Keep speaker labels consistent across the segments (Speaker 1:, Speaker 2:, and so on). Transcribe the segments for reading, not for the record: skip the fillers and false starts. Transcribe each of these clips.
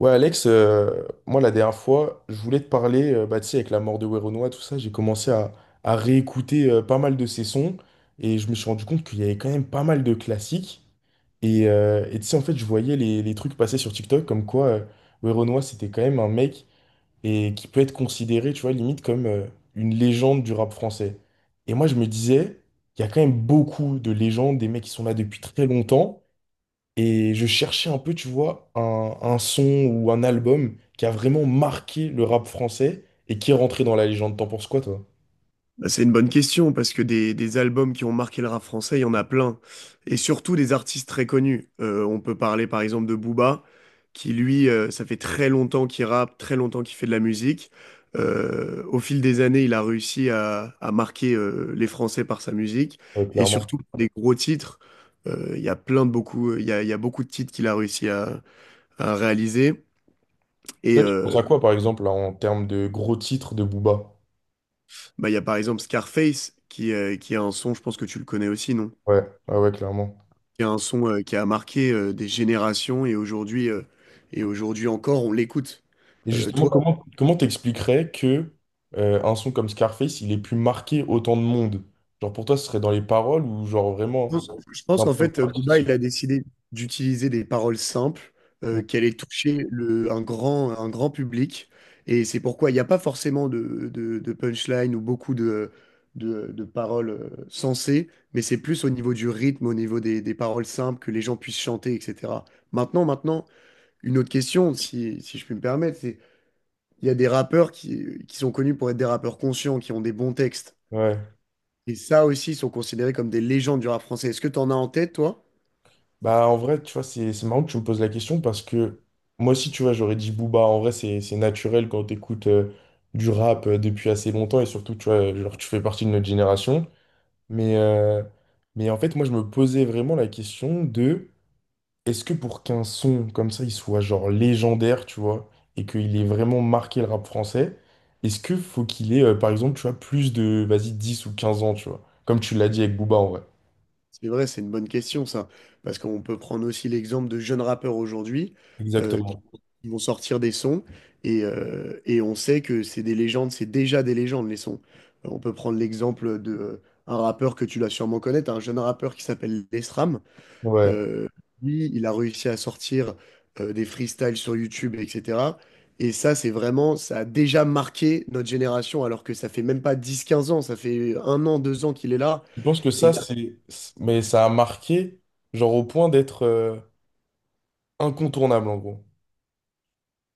Speaker 1: Ouais, Alex, moi la dernière fois, je voulais te parler, bah, tu sais, avec la mort de Werenoi, tout ça, j'ai commencé à réécouter pas mal de ses sons et je me suis rendu compte qu'il y avait quand même pas mal de classiques. Et tu sais, en fait, je voyais les trucs passer sur TikTok comme quoi Werenoi, c'était quand même un mec et qui peut être considéré, tu vois, limite comme une légende du rap français. Et moi, je me disais, il y a quand même beaucoup de légendes, des mecs qui sont là depuis très longtemps. Et je cherchais un peu, tu vois, un son ou un album qui a vraiment marqué le rap français et qui est rentré dans la légende. T'en penses quoi, toi?
Speaker 2: Bah, c'est une bonne question parce que des albums qui ont marqué le rap français, il y en a plein. Et surtout des artistes très connus. On peut parler par exemple de Booba, qui lui, ça fait très longtemps qu'il rappe, très longtemps qu'il fait de la musique. Au fil des années, il a réussi à marquer les Français par sa musique.
Speaker 1: Ouais,
Speaker 2: Et
Speaker 1: clairement.
Speaker 2: surtout des gros titres. Il y a il y a beaucoup de titres qu'il a réussi à réaliser. Et
Speaker 1: Toi, tu penses
Speaker 2: euh,
Speaker 1: à quoi, par exemple, là, en termes de gros titres de Booba?
Speaker 2: il y a par exemple Scarface, qui a un son, je pense que tu le connais aussi, non?
Speaker 1: Ouais, ouais, ouais, clairement.
Speaker 2: Qui est un son qui a marqué des générations et aujourd'hui encore, on l'écoute.
Speaker 1: Et
Speaker 2: Euh,
Speaker 1: justement,
Speaker 2: toi,
Speaker 1: comment t'expliquerais que un son comme Scarface, il ait pu marquer autant de monde? Genre, pour toi, ce serait dans les paroles ou genre vraiment
Speaker 2: je pense
Speaker 1: d'un
Speaker 2: qu'en
Speaker 1: point de
Speaker 2: fait,
Speaker 1: vue
Speaker 2: Booba, il
Speaker 1: artistique?
Speaker 2: a décidé d'utiliser des paroles simples,
Speaker 1: Mm.
Speaker 2: qu'elle ait touché un un grand public. Et c'est pourquoi il n'y a pas forcément de punchline ou beaucoup de paroles sensées, mais c'est plus au niveau du rythme, au niveau des paroles simples, que les gens puissent chanter, etc. Maintenant, une autre question, si je puis me permettre, c'est: il y a des rappeurs qui sont connus pour être des rappeurs conscients, qui ont des bons textes.
Speaker 1: Ouais.
Speaker 2: Et ça aussi, ils sont considérés comme des légendes du rap français. Est-ce que tu en as en tête, toi?
Speaker 1: Bah, en vrai, tu vois, c'est marrant que tu me poses la question parce que moi aussi, tu vois, j'aurais dit Booba. En vrai, c'est naturel quand t'écoutes du rap depuis assez longtemps et surtout, tu vois, genre, tu fais partie de notre génération. Mais, euh, mais en fait, moi, je me posais vraiment la question de est-ce que pour qu'un son comme ça, il soit genre légendaire, tu vois, et qu'il ait vraiment marqué le rap français, est-ce que faut qu'il ait, par exemple, tu vois, plus de, vas-y, 10 ou 15 ans, tu vois, comme tu l'as dit avec Booba, en vrai.
Speaker 2: C'est vrai, c'est une bonne question, ça. Parce qu'on peut prendre aussi l'exemple de jeunes rappeurs aujourd'hui, euh,
Speaker 1: Exactement.
Speaker 2: qui vont sortir des sons et on sait que c'est des légendes, c'est déjà des légendes, les sons. On peut prendre l'exemple de un rappeur que tu dois sûrement connaître, un jeune rappeur qui s'appelle Lesram.
Speaker 1: Ouais.
Speaker 2: Euh, lui, il a réussi à sortir des freestyles sur YouTube, etc. Et ça, c'est vraiment, ça a déjà marqué notre génération, alors que ça fait même pas dix, quinze ans, ça fait un an, deux ans qu'il est là,
Speaker 1: Je pense que
Speaker 2: et il
Speaker 1: ça,
Speaker 2: y...
Speaker 1: c'est. Mais ça a marqué, genre au point d'être incontournable, en gros.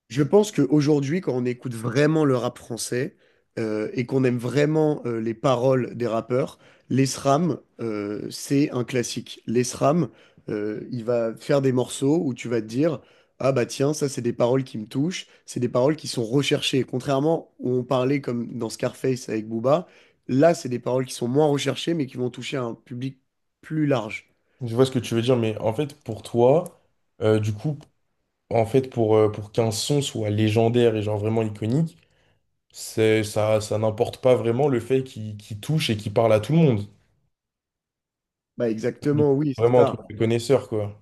Speaker 2: Je pense qu'aujourd'hui, quand on écoute vraiment le rap français et qu'on aime vraiment les paroles des rappeurs, l'ESRAM, c'est un classique. L'ESRAM, il va faire des morceaux où tu vas te dire: ah bah tiens, ça c'est des paroles qui me touchent, c'est des paroles qui sont recherchées. Contrairement où on parlait comme dans Scarface avec Booba, là c'est des paroles qui sont moins recherchées mais qui vont toucher un public plus large.
Speaker 1: Je vois ce que tu veux dire, mais en fait, pour toi, du coup, en fait, pour qu'un son soit légendaire et genre vraiment iconique, c'est, ça n'importe pas vraiment le fait qu'il touche et qu'il parle à tout le monde.
Speaker 2: Bah
Speaker 1: Du coup,
Speaker 2: exactement, oui, c'est
Speaker 1: vraiment un
Speaker 2: ça.
Speaker 1: truc de connaisseur, quoi.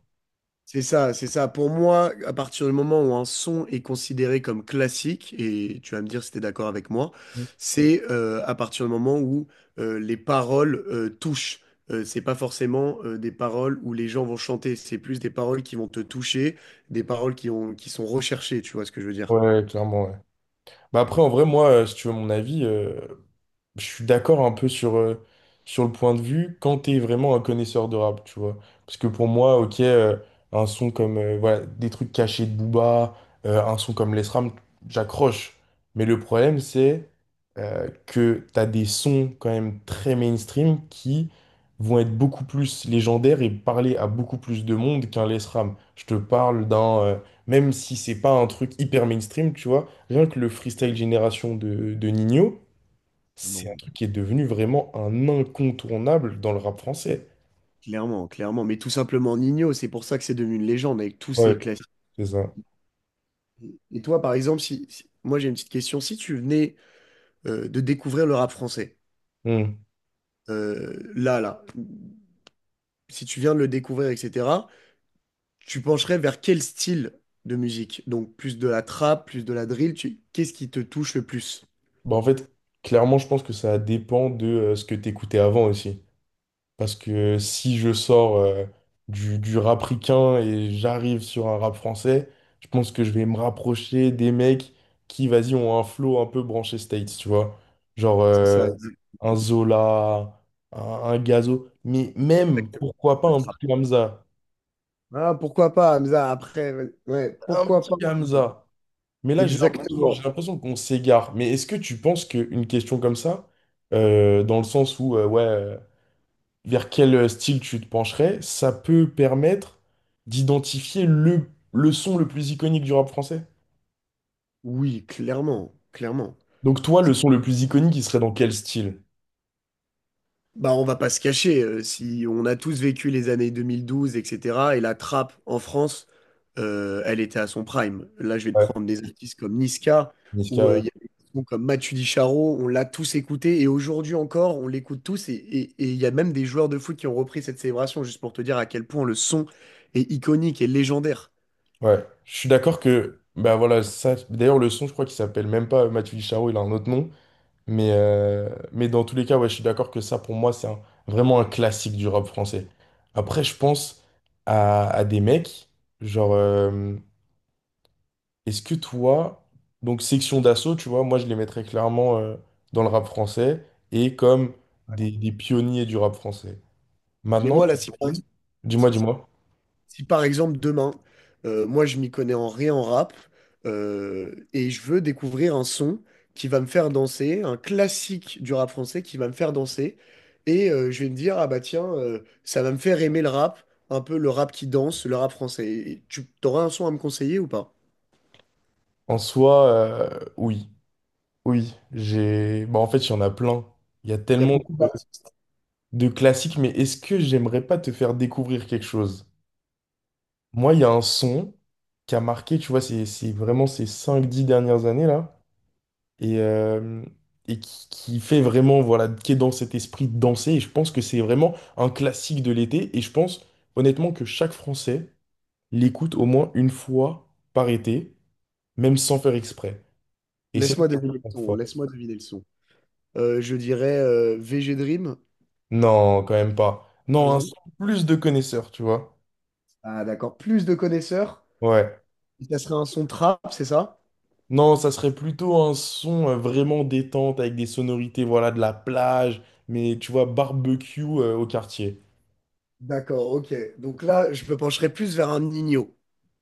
Speaker 2: C'est ça, c'est ça. Pour moi, à partir du moment où un son est considéré comme classique, et tu vas me dire si tu es d'accord avec moi,
Speaker 1: Ouais,
Speaker 2: c'est à partir du moment où les paroles touchent. C'est pas forcément des paroles où les gens vont chanter, c'est plus des paroles qui vont te toucher, des paroles qui ont, qui sont recherchées, tu vois ce que je veux dire?
Speaker 1: ouais, clairement, ouais. Mais après, en vrai, moi, si tu veux mon avis, je suis d'accord un peu sur, sur le point de vue quand t'es vraiment un connaisseur de rap, tu vois. Parce que pour moi, ok, un son comme voilà, des trucs cachés de Booba, un son comme les Ram, j'accroche. Mais le problème, c'est que t'as des sons quand même très mainstream qui vont être beaucoup plus légendaires et parler à beaucoup plus de monde qu'un les Ram. Je te parle d'un, même si c'est pas un truc hyper mainstream, tu vois, rien que le freestyle génération de Nino.
Speaker 2: Ah
Speaker 1: C'est un
Speaker 2: bon.
Speaker 1: truc qui est devenu vraiment un incontournable dans le rap français.
Speaker 2: Clairement, clairement. Mais tout simplement Nino, c'est pour ça que c'est devenu une légende avec tous
Speaker 1: Ouais,
Speaker 2: ces classiques.
Speaker 1: c'est ça.
Speaker 2: Et toi, par exemple, moi j'ai une petite question, si tu venais de découvrir le rap français,
Speaker 1: Hmm.
Speaker 2: euh, là, là, si tu viens de le découvrir, etc., tu pencherais vers quel style de musique? Donc plus de la trap, plus de la drill, tu... qu'est-ce qui te touche le plus?
Speaker 1: Bah, en fait, clairement, je pense que ça dépend de ce que t'écoutais avant aussi. Parce que si je sors du rap ricain et j'arrive sur un rap français, je pense que je vais me rapprocher des mecs qui, vas-y, ont un flow un peu branché States, tu vois. Genre
Speaker 2: C'est ça,
Speaker 1: un Zola, un Gazo, mais même,
Speaker 2: exactement.
Speaker 1: pourquoi pas
Speaker 2: Le
Speaker 1: un
Speaker 2: trap.
Speaker 1: petit Hamza.
Speaker 2: Ah, pourquoi pas, Hamza, après, ouais,
Speaker 1: Un
Speaker 2: pourquoi
Speaker 1: petit
Speaker 2: pas?
Speaker 1: Hamza. Mais là,
Speaker 2: Exactement.
Speaker 1: j'ai l'impression qu'on s'égare. Mais est-ce que tu penses qu'une question comme ça, dans le sens où, vers quel style tu te pencherais, ça peut permettre d'identifier le son le plus iconique du rap français?
Speaker 2: Oui, clairement, clairement.
Speaker 1: Donc toi, le son le plus iconique, il serait dans quel style?
Speaker 2: Bah, on va pas se cacher, si on a tous vécu les années 2012, etc., et cetera, et la trappe en France, elle était à son prime. Là, je vais te
Speaker 1: Ouais,
Speaker 2: prendre des artistes comme Niska,
Speaker 1: Niska,
Speaker 2: ou
Speaker 1: ouais.
Speaker 2: il y a des sons comme Matu Dicharo, on l'a tous écouté, et aujourd'hui encore, on l'écoute tous, et il y a même des joueurs de foot qui ont repris cette célébration, juste pour te dire à quel point le son est iconique et légendaire.
Speaker 1: Ouais. Je suis d'accord que, bah voilà, ça, d'ailleurs, le son, je crois qu'il s'appelle même pas Mathieu Charo, il a un autre nom. Mais dans tous les cas, ouais, je suis d'accord que ça, pour moi, c'est un- vraiment un classique du rap français. Après, je pense à des mecs, genre, est-ce que toi, donc section d'assaut, tu vois, moi, je les mettrais clairement dans le rap français et comme des pionniers du rap français.
Speaker 2: Mais
Speaker 1: Maintenant,
Speaker 2: moi, là, si,
Speaker 1: dis-moi.
Speaker 2: si par exemple demain, moi je m'y connais en rien en rap et je veux découvrir un son qui va me faire danser, un classique du rap français qui va me faire danser et je vais me dire ah bah tiens ça va me faire aimer le rap, un peu le rap qui danse, le rap français. Et tu t'aurais un son à me conseiller ou pas?
Speaker 1: En soi, oui, oui, j'ai... Bah, en fait, il y en a plein. Il y a
Speaker 2: Il y a
Speaker 1: tellement
Speaker 2: beaucoup d'artistes.
Speaker 1: de classiques, mais est-ce que j'aimerais pas te faire découvrir quelque chose? Moi, il y a un son qui a marqué, tu vois, c'est vraiment ces cinq dix dernières années là, et, euh, et qui fait vraiment, voilà, qui est dans cet esprit de danser, et je pense que c'est vraiment un classique de l'été, et je pense honnêtement que chaque Français l'écoute au moins une fois par été, même sans faire exprès. Et c'est...
Speaker 2: Laisse-moi deviner le son. Laisse-moi deviner le son. Je dirais VG Dream.
Speaker 1: Non, quand même pas. Non, un
Speaker 2: Bisous.
Speaker 1: son plus de connaisseurs, tu vois.
Speaker 2: Ah d'accord. Plus de connaisseurs.
Speaker 1: Ouais.
Speaker 2: Ça serait un son trap, c'est ça?
Speaker 1: Non, ça serait plutôt un son vraiment détente avec des sonorités, voilà, de la plage, mais tu vois, barbecue au quartier.
Speaker 2: D'accord, ok. Donc là, je me pencherai plus vers un Nino.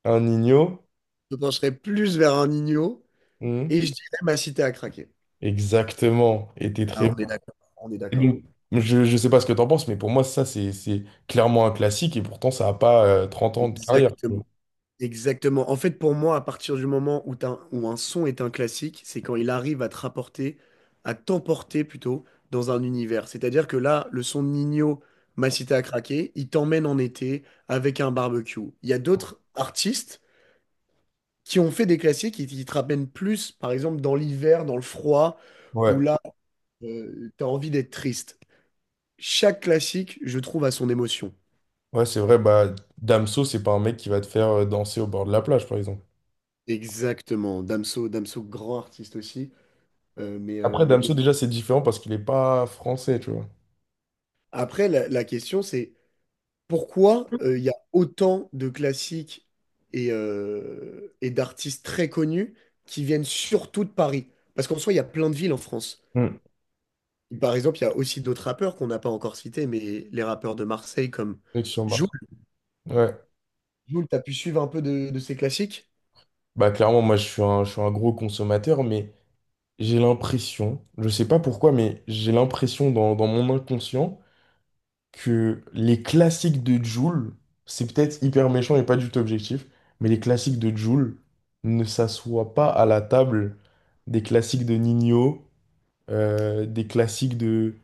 Speaker 1: Un Nino?
Speaker 2: Je me pencherai plus vers un Nino
Speaker 1: Hmm.
Speaker 2: et je dirais ma cité à craquer.
Speaker 1: Exactement. Et t'es
Speaker 2: Ah,
Speaker 1: très bon.
Speaker 2: on est d'accord, on est
Speaker 1: Et
Speaker 2: d'accord.
Speaker 1: donc, je sais pas ce que t'en penses, mais pour moi, ça, c'est clairement un classique et pourtant, ça a pas 30 ans de carrière, tu
Speaker 2: Exactement.
Speaker 1: vois.
Speaker 2: Exactement. En fait, pour moi, à partir du moment où, où un son est un classique, c'est quand il arrive à te rapporter, à t'emporter plutôt, dans un univers. C'est-à-dire que là, le son de Nino, ma cité à craquer, il t'emmène en été avec un barbecue. Il y a d'autres artistes qui ont fait des classiques qui te ramènent plus, par exemple, dans l'hiver, dans le froid,
Speaker 1: Ouais,
Speaker 2: où là, t'as envie d'être triste. Chaque classique, je trouve, a son émotion.
Speaker 1: ouais, c'est vrai. Bah, Damso, c'est pas un mec qui va te faire danser au bord de la plage, par exemple.
Speaker 2: Exactement. Damso, grand artiste aussi. Euh, mais, euh,
Speaker 1: Après, Damso,
Speaker 2: mais-
Speaker 1: déjà, c'est différent parce qu'il est pas français, tu vois.
Speaker 2: Après, la question, c'est pourquoi il y a autant de classiques et d'artistes très connus qui viennent surtout de Paris? Parce qu'en soi, il y a plein de villes en France.
Speaker 1: Hmm.
Speaker 2: Par exemple, il y a aussi d'autres rappeurs qu'on n'a pas encore cités, mais les rappeurs de Marseille comme...
Speaker 1: Connexion
Speaker 2: Jul.
Speaker 1: Mars. Ouais.
Speaker 2: Jules, t'as pu suivre un peu de ces classiques?
Speaker 1: Bah clairement, moi je suis un gros consommateur, mais j'ai l'impression, je sais pas pourquoi, mais j'ai l'impression dans mon inconscient que les classiques de Jul, c'est peut-être hyper méchant et pas du tout objectif, mais les classiques de Jul ne s'assoient pas à la table des classiques de Nino, euh, des classiques de,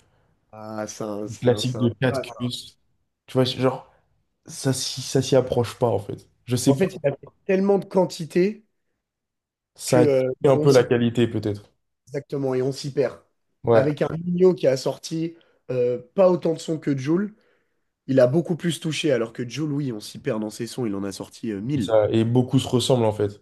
Speaker 1: des classiques de
Speaker 2: Ah.
Speaker 1: Catcus. Tu vois, genre, ça, ça s'y approche pas en fait. Je
Speaker 2: En
Speaker 1: sais pas,
Speaker 2: fait, il y a tellement de quantité
Speaker 1: ça
Speaker 2: que
Speaker 1: a tué un
Speaker 2: on
Speaker 1: peu la
Speaker 2: s'y...
Speaker 1: qualité peut-être.
Speaker 2: exactement et on s'y perd.
Speaker 1: Ouais.
Speaker 2: Avec un Nino qui a sorti pas autant de sons que Jul, il a beaucoup plus touché, alors que Joe Louis, on s'y perd dans ses sons, il en a sorti 1 000.
Speaker 1: Ça, et beaucoup se ressemblent en fait.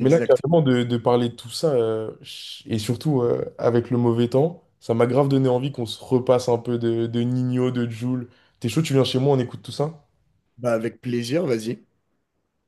Speaker 1: Mais là, carrément, de parler de tout ça, et surtout avec le mauvais temps, ça m'a grave donné envie qu'on se repasse un peu de Ninho, de Jul. T'es chaud, tu viens chez moi, on écoute tout ça?
Speaker 2: Bah, avec plaisir, vas-y.